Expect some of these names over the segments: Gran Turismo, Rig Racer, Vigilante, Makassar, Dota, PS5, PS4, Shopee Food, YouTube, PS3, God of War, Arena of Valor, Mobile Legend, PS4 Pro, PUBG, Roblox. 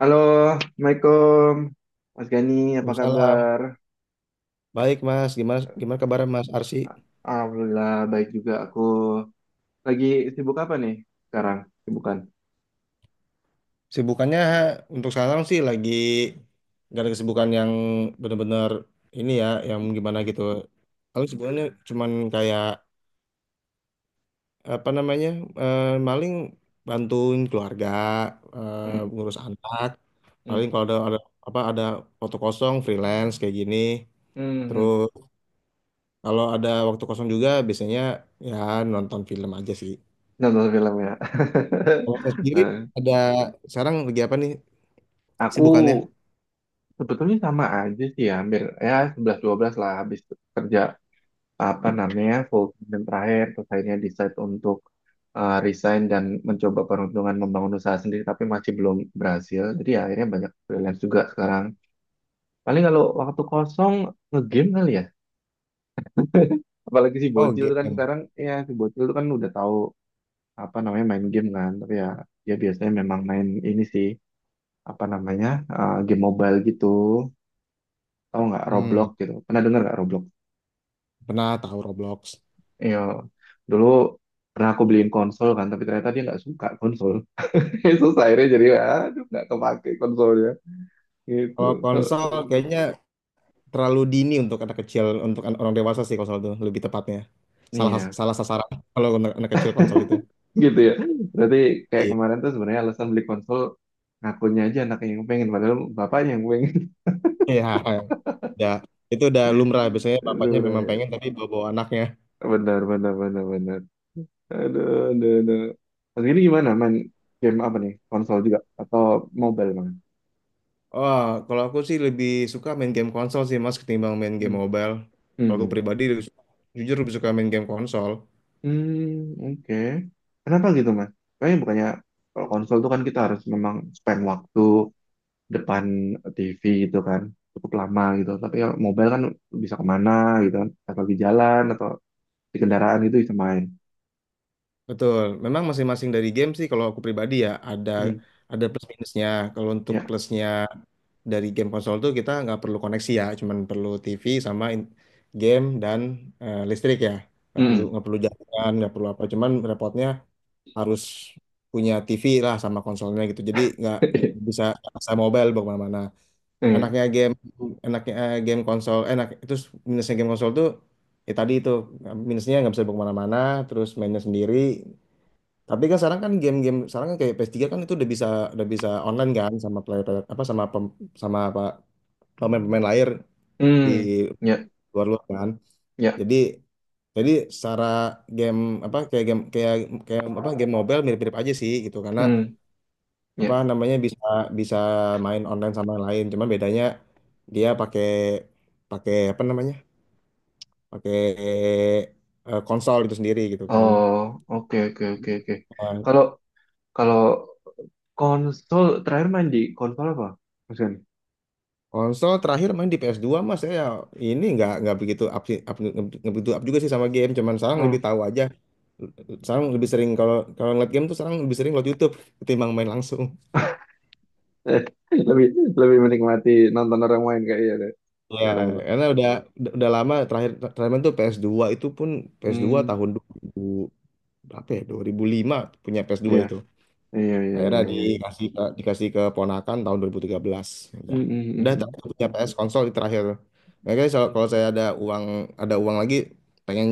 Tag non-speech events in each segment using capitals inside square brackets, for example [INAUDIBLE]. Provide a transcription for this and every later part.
Halo, Assalamualaikum. Mas Gani, apa Waalaikumsalam. kabar? Baik Mas, gimana gimana kabar Mas Arsi? A- Alhamdulillah, baik juga aku. Lagi sibuk apa nih sekarang? Sibukan. Sibukannya untuk sekarang sih lagi gak ada kesibukan yang benar-benar ini ya, yang gimana gitu. Kalau sebenarnya cuman kayak apa namanya, eh, maling bantuin keluarga, eh, Hmm, ngurus anak. Paling hmm, kalau ada waktu kosong freelance kayak gini. hmm, hmm. Terus kalau ada waktu kosong juga biasanya ya nonton film aja sih. Nonton film, ya. Kalau saya [LAUGHS] sendiri Eh, ada sekarang lagi apa nih Aku sibukannya? sebetulnya sama aja sih ya, hampir ya sebelas dua belas lah habis kerja apa namanya full dan terakhir, terus akhirnya decide untuk resign dan mencoba peruntungan membangun usaha sendiri, tapi masih belum berhasil. Jadi ya akhirnya banyak freelance juga sekarang. Paling kalau waktu kosong ngegame kali ya. Apalagi Oh, game. Si bocil tuh kan udah tahu apa namanya main game kan. Tapi ya dia biasanya memang main ini sih apa namanya game mobile gitu. Tahu nggak Hmm, Roblox gitu? Pernah dengar nggak Roblox? Pernah tahu Roblox. Iya. Dulu pernah aku beliin konsol kan, tapi ternyata dia nggak suka konsol. [LAUGHS] Susah akhirnya, jadi aduh nggak kepake konsolnya gitu. Kalau konsol kayaknya terlalu dini untuk anak kecil, untuk orang dewasa sih konsol itu lebih tepatnya. Salah Iya. salah sasaran kalau anak kecil konsol itu. Gitu ya. Berarti kayak Iya. kemarin [LAUGHS] tuh sebenarnya alasan beli konsol ngakunya aja anaknya yang pengen padahal bapaknya yang pengen. Iya, ya. Itu udah lumrah biasanya [LAUGHS] bapaknya Lu memang pengen ya. tapi bawa-bawa anaknya. Benar benar benar benar. Aduh aduh aduh. Mas ini gimana main game apa nih? Konsol juga atau mobile banget? Oh, kalau aku sih lebih suka main game konsol sih Mas ketimbang main Hmm. game mobile. Hmm. Kalau aku Hmm, pribadi jujur lebih suka main game konsol. hmm, oke. Kenapa gitu, Mas? Kayaknya bukannya kalau konsol tuh kan kita harus memang spend waktu depan TV gitu kan, cukup lama gitu. Tapi ya mobile kan bisa kemana gitu kan, atau lagi jalan atau di kendaraan itu bisa main. Betul, memang masing-masing dari game sih kalau aku pribadi ya ada Hmm, ada plus minusnya. Kalau untuk ya. plusnya dari game konsol tuh kita nggak perlu koneksi ya, cuman perlu TV sama game dan listrik ya. Nggak perlu Hmm. nggak perlu jaringan, nggak perlu apa. Cuman repotnya harus punya TV lah sama konsolnya gitu. Jadi nggak [LAUGHS] bisa asal mobile bawa kemana-mana. Hmm. Enaknya game enaknya eh, game konsol enak. Terus minusnya game konsol tuh ya tadi itu minusnya nggak bisa dibawa kemana-mana. Terus mainnya sendiri tapi kan sekarang kan game-game sekarang kan kayak PS3 kan itu udah bisa online kan sama player player- apa sama pem, sama apa pemain-pemain lain di Hmm. Ya, luar luar kan. ya. Jadi jadi secara game apa kayak game kayak kayak apa game mobile mirip-mirip aja sih gitu karena Hmm. Ya. apa namanya bisa bisa main online sama yang lain. Cuma bedanya dia pakai pakai apa namanya? Pakai eh, konsol itu sendiri gitu kan. Oh, oke oke oke oke. Nah, Kalau kalau konsol terakhir main di konsol apa, Mas? konsol terakhir main di ps dua Mas, saya ini nggak begitu up, nggak begitu up juga sih sama game cuman sekarang lebih Hmm. tahu aja sekarang lebih sering kalau kalau ngeliat game tuh sekarang lebih sering ngeliat YouTube ketimbang main langsung [LAUGHS] Eh, lebih lebih menikmati nonton orang main kayaknya deh. ya Sekarang tuh. karena udah lama terakhir terakhir main tuh ps dua itu pun ps dua Hmm. tahun 2000 berapa ya 2005 punya ps dua Iya. itu. Iya iya Akhirnya iya iya. Dikasih ke ponakan tahun 2013. Hmm, Udah. hmm, hmm, Udah tapi hmm. aku punya PS konsol di terakhir. Makanya kalau kalau saya ada uang lagi pengen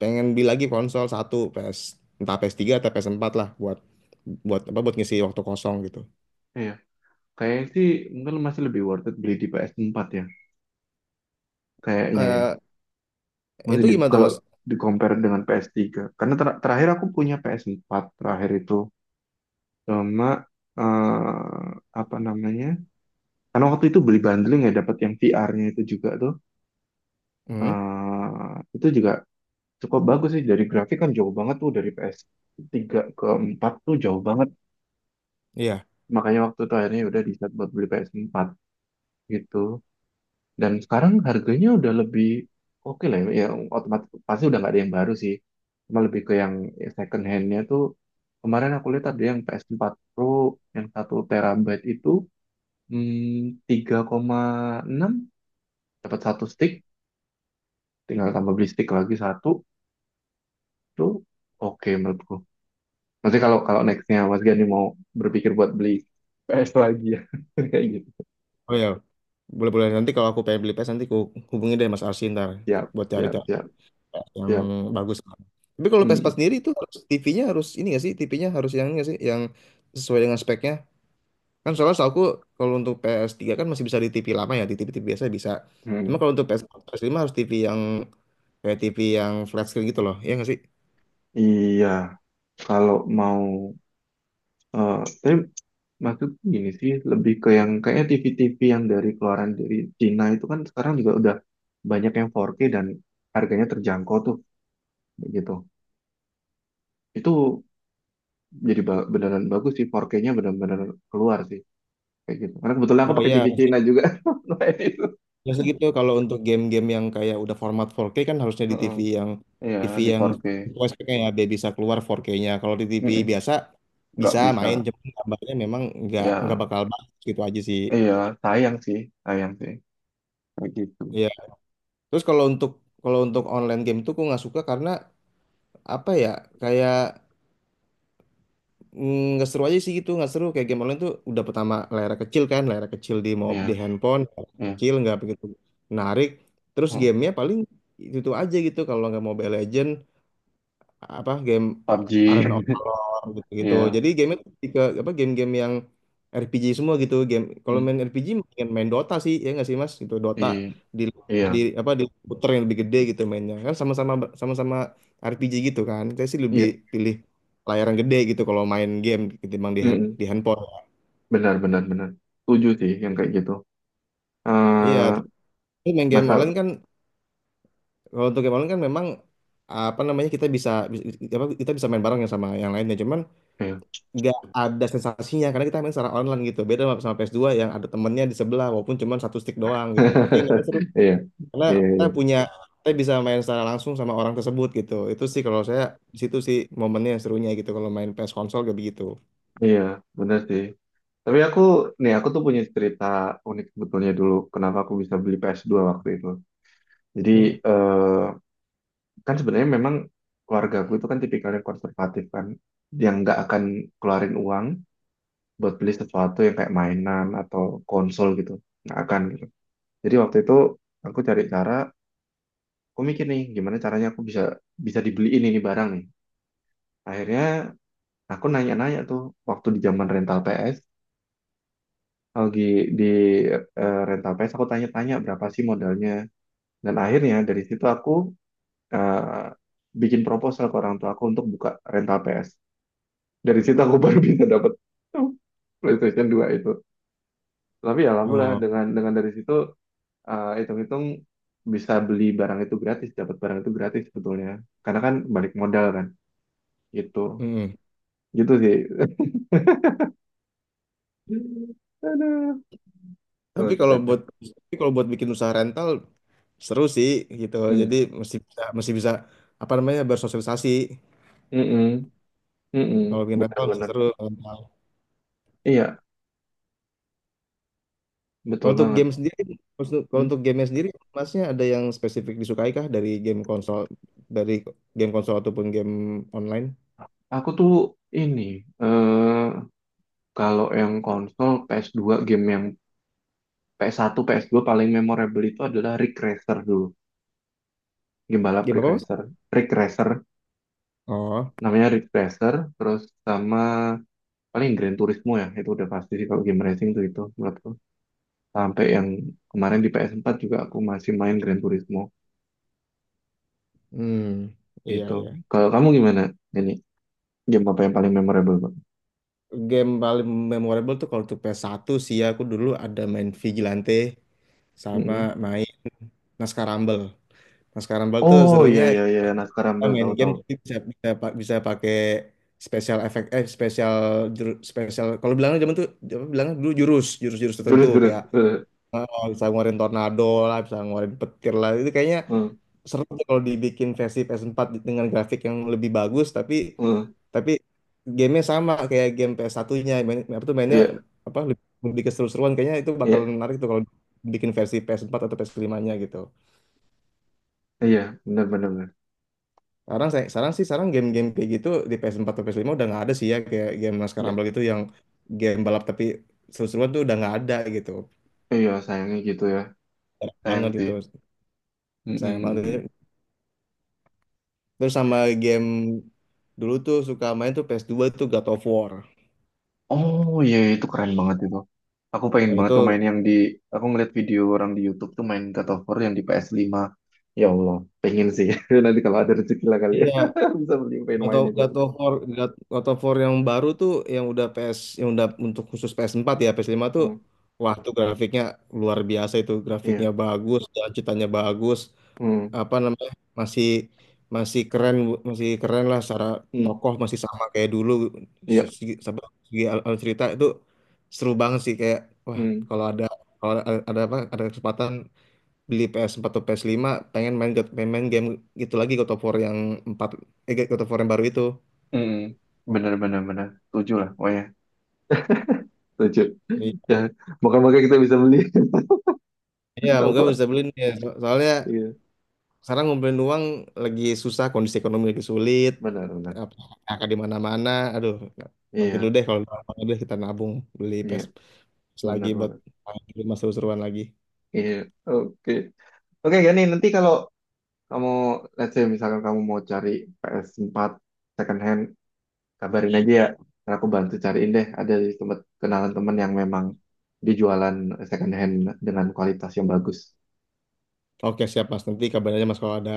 pengen beli lagi konsol satu PS entah PS3 atau PS4 lah buat buat apa buat ngisi waktu kosong gitu. Iya. Kayaknya sih mungkin masih lebih worth it beli di PS4 ya. Kayaknya ya. Eh itu gimana tuh Kalau Mas? di compare dengan PS3. Karena terakhir aku punya PS4 terakhir itu sama eh, apa namanya? Karena waktu itu beli bundling ya dapat yang VR-nya itu juga tuh. Hmm, Itu juga cukup bagus sih, dari grafik kan jauh banget tuh dari PS3 ke 4 tuh jauh banget. iya. Makanya waktu itu akhirnya ya udah di buat beli PS4 gitu. Dan sekarang harganya udah lebih oke lah ya, otomatis pasti udah nggak ada yang baru sih. Cuma lebih ke yang second handnya tuh kemarin aku lihat ada yang PS4 Pro yang 1 terabyte itu 3,6 dapat satu stick, tinggal tambah beli stick lagi satu tuh oke menurutku. Nanti kalau kalau nextnya Mas Gani mau berpikir buat beli PS lagi ya [LAUGHS] kayak gitu. Oh iya. Boleh-boleh nanti kalau aku pengen beli PS nanti ku hubungi deh Mas Arsi ntar Siap, buat siap, cari-cari siap, yang siap. bagus. Tapi kalau Vespa Hmm. sendiri itu harus TV-nya harus ini nggak sih? TV-nya harus yang ini nggak sih? Yang sesuai dengan speknya. Kan soalnya setahu aku kalau untuk ps tiga kan masih bisa di TV lama ya, di TV-TV biasa bisa. Cuma Hmm. kalau untuk PS4, ps lima harus TV yang kayak TV yang flat screen gitu loh. Ya nggak sih? Iya, kalau mau. Eh, tapi maksud gini sih, lebih ke yang kayaknya TV-TV yang dari keluaran dari Cina itu kan sekarang juga udah banyak yang 4K dan harganya terjangkau tuh, gitu. Itu jadi beneran bagus sih, 4K-nya bener-bener keluar sih, kayak gitu. Karena kebetulan aku Oh pakai TV iya, Cina juga, [LAUGHS] makanya itu. biasa gitu kalau untuk game-game yang kayak udah format 4K kan harusnya di Heeh. Iya, TV di yang 4K. sesuai speknya ya, biar bisa keluar 4K-nya. Kalau di TV Mm-mm. biasa Nggak bisa bisa. main, cuma gambarnya memang nggak Ya, bakal bagus gitu aja sih. iya, sayang sih, sayang sih, kayak gitu. Terus kalau untuk online game tuh gue nggak suka karena apa ya kayak nggak seru aja sih gitu nggak seru kayak game online tuh udah pertama layar kecil kan layar kecil di Iya, handphone iya. kecil nggak begitu menarik terus Heeh. gamenya paling itu aja gitu kalau nggak Mobile Legend apa game PUBG, Arena of Valor [LAUGHS] gitu-gitu. iya. Jadi game itu lebih ke apa game-game yang RPG semua gitu. Game kalau Mm. main RPG mendingan main Dota sih ya nggak sih Mas? Itu Dota Iya, di iya. Di komputer yang lebih gede gitu mainnya. Kan sama-sama RPG gitu kan. Saya sih lebih Iya. pilih layar yang gede gitu kalau main game ketimbang di Mm-mm. di handphone. Benar benar benar, setuju sih yang kayak gitu Iya, eh tapi main game masa online kan kalau untuk game online kan memang apa namanya kita bisa, bisa apa kita bisa main bareng ya sama yang lainnya. Cuman eh. nggak ada sensasinya karena kita main secara online gitu beda sama sama ps dua yang ada temennya di sebelah walaupun cuma satu stick doang gitu tapi memang seru [LAUGHS] Iya karena iya iya. Kita bisa main secara langsung sama orang tersebut gitu itu sih kalau saya di situ sih momennya yang serunya gitu kalau main PS konsol kayak begitu. Iya, benar sih, tapi aku tuh punya cerita unik sebetulnya. Dulu kenapa aku bisa beli PS2 waktu itu, jadi Iya. eh kan sebenarnya memang keluarga aku itu kan tipikalnya konservatif kan, yang nggak akan keluarin uang buat beli sesuatu yang kayak mainan atau konsol gitu, nggak akan gitu. Jadi waktu itu aku cari cara. Aku mikir nih, gimana caranya aku bisa bisa dibeliin ini barang nih. Akhirnya aku nanya-nanya tuh waktu di zaman rental PS, lagi di rental PS aku tanya-tanya berapa sih modalnya. Dan akhirnya dari situ aku eh, bikin proposal ke orang tua aku untuk buka rental PS. Dari situ aku [LAUGHS] baru bisa dapat PlayStation 2 itu. Tapi ya alhamdulillah oh dengan dari situ hitung-hitung bisa beli barang itu gratis, dapat barang itu gratis sebetulnya. Karena kan balik modal kan gitu. mm. Gitu sih. [LAUGHS] Aduh, Tapi kalau kocak. buat tapi kalau buat bikin usaha rental seru sih gitu Hmm. jadi mesti bisa apa namanya bersosialisasi Mm-mm. Mm-mm. kalau bikin rental mesti Benar-benar. seru. Iya, betul Kalau untuk banget. game sendiri, kalau Hmm. untuk game sendiri, masnya ada yang spesifik disukai kah dari dari game konsol ataupun game online? Aku tuh ini, eh kalau yang konsol PS2 game yang PS1, PS2 paling memorable itu adalah Rig Racer dulu. Game balap Game Rig apa Mas? Racer. Rig Racer, Oh, namanya Rig Racer, terus sama paling Gran Turismo ya, itu udah pasti sih kalau game racing tuh itu menurutku. Sampai yang kemarin di PS4 juga aku masih main Gran Turismo. hmm, iya Itu. iya. Kalau kamu gimana? Ini game apa yang paling memorable, Bang? Game paling memorable tuh kalau untuk ps satu sih ya, aku dulu ada main Vigilante sama Mm-mm. main Naskah Rumble. Naskah Rumble tuh Oh iya serunya iya iya, Naskah kita Rumble main game tahu-tahu. tapi bisa bisa pa- bisa pakai special effect special kalau bilang zaman tuh apa bilangnya dulu jurus jurus jurus tertentu Jurus jurus. kayak. Oh, bisa ngeluarin tornado lah, bisa ngeluarin petir lah. Itu kayaknya eh, seru tuh kalau dibikin versi PS4 dengan grafik yang lebih bagus, tapi eh. tapi gamenya sama kayak game PS1-nya. Main, apa tuh mainnya Iya apa lebih keseru-seruan. Kayaknya itu bakalan iya menarik tuh kalau bikin versi PS4 atau ps lima nya gitu. iya, benar benar benar. Sekarang saya sekarang sih sekarang game-game kayak gitu di PS4 atau ps lima udah nggak ada sih ya kayak game Laskar Iya. Rumble gitu yang game balap tapi seru-seruan tuh udah nggak ada gitu. Iya, sayangnya gitu ya, Jarang sayang banget sih. gitu. Sayang Mm-mm. banget. Terus sama game dulu tuh suka main tuh ps dua tuh God of War. Oh iya iya, itu keren banget itu. Aku pengen Nah, banget itu. tuh main yang di, aku ngeliat video orang di YouTube tuh main God of War yang di PS5. Ya Allah, pengen sih. [LAUGHS] Nanti kalau ada rezeki lah kali ya, Iya. [LAUGHS] bisa beli pengen main itu. God of War yang baru tuh yang udah untuk khusus ps empat ya ps lima tuh Hmm, wah tuh grafiknya luar biasa, itu grafiknya iya, bagus dan ceritanya bagus, hmm, apa namanya masih masih keren masih keren lah, secara hmm, tokoh masih sama kayak dulu, iya, segi, sama- segi alur cerita itu seru banget sih, kayak wah. hmm. Kalau ada kesempatan beli PS4 atau PS5 pengen main God- pengen main game gitu lagi God of War 4, yang baru itu. Mm, bener bener bener tujuh lah, oh ya tujuh. Iya, [LAUGHS] Ya, moga-moga kita bisa beli. iya, [LAUGHS] moga Apa? bisa beli nih. Soalnya Iya, sekarang ngumpulin uang lagi susah, kondisi ekonomi lagi sulit, benar benar. apa kakak di mana-mana. Aduh, nanti dulu Iya, deh kalau udah deh kita nabung beli iya, PS lagi benar buat benar. di rumah seru-seruan lagi. Iya, oke. Oke, Gani, nanti kalau kamu let's say misalkan kamu mau cari PS4 second hand, kabarin aja ya. Ntar aku bantu cariin deh. Ada di tempat kenalan teman yang memang dijualan second hand dengan kualitas yang bagus. Oke, siap Mas. Nanti kabarin aja Mas kalau ada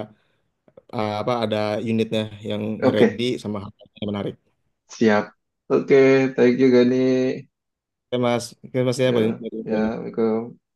apa ada unitnya yang ready Oke, sama harganya yang menarik. siap. Oke, thank you, Gani. Oke, Mas. Oke, Mas ya. Ya, ya, Boleh. Assalamualaikum.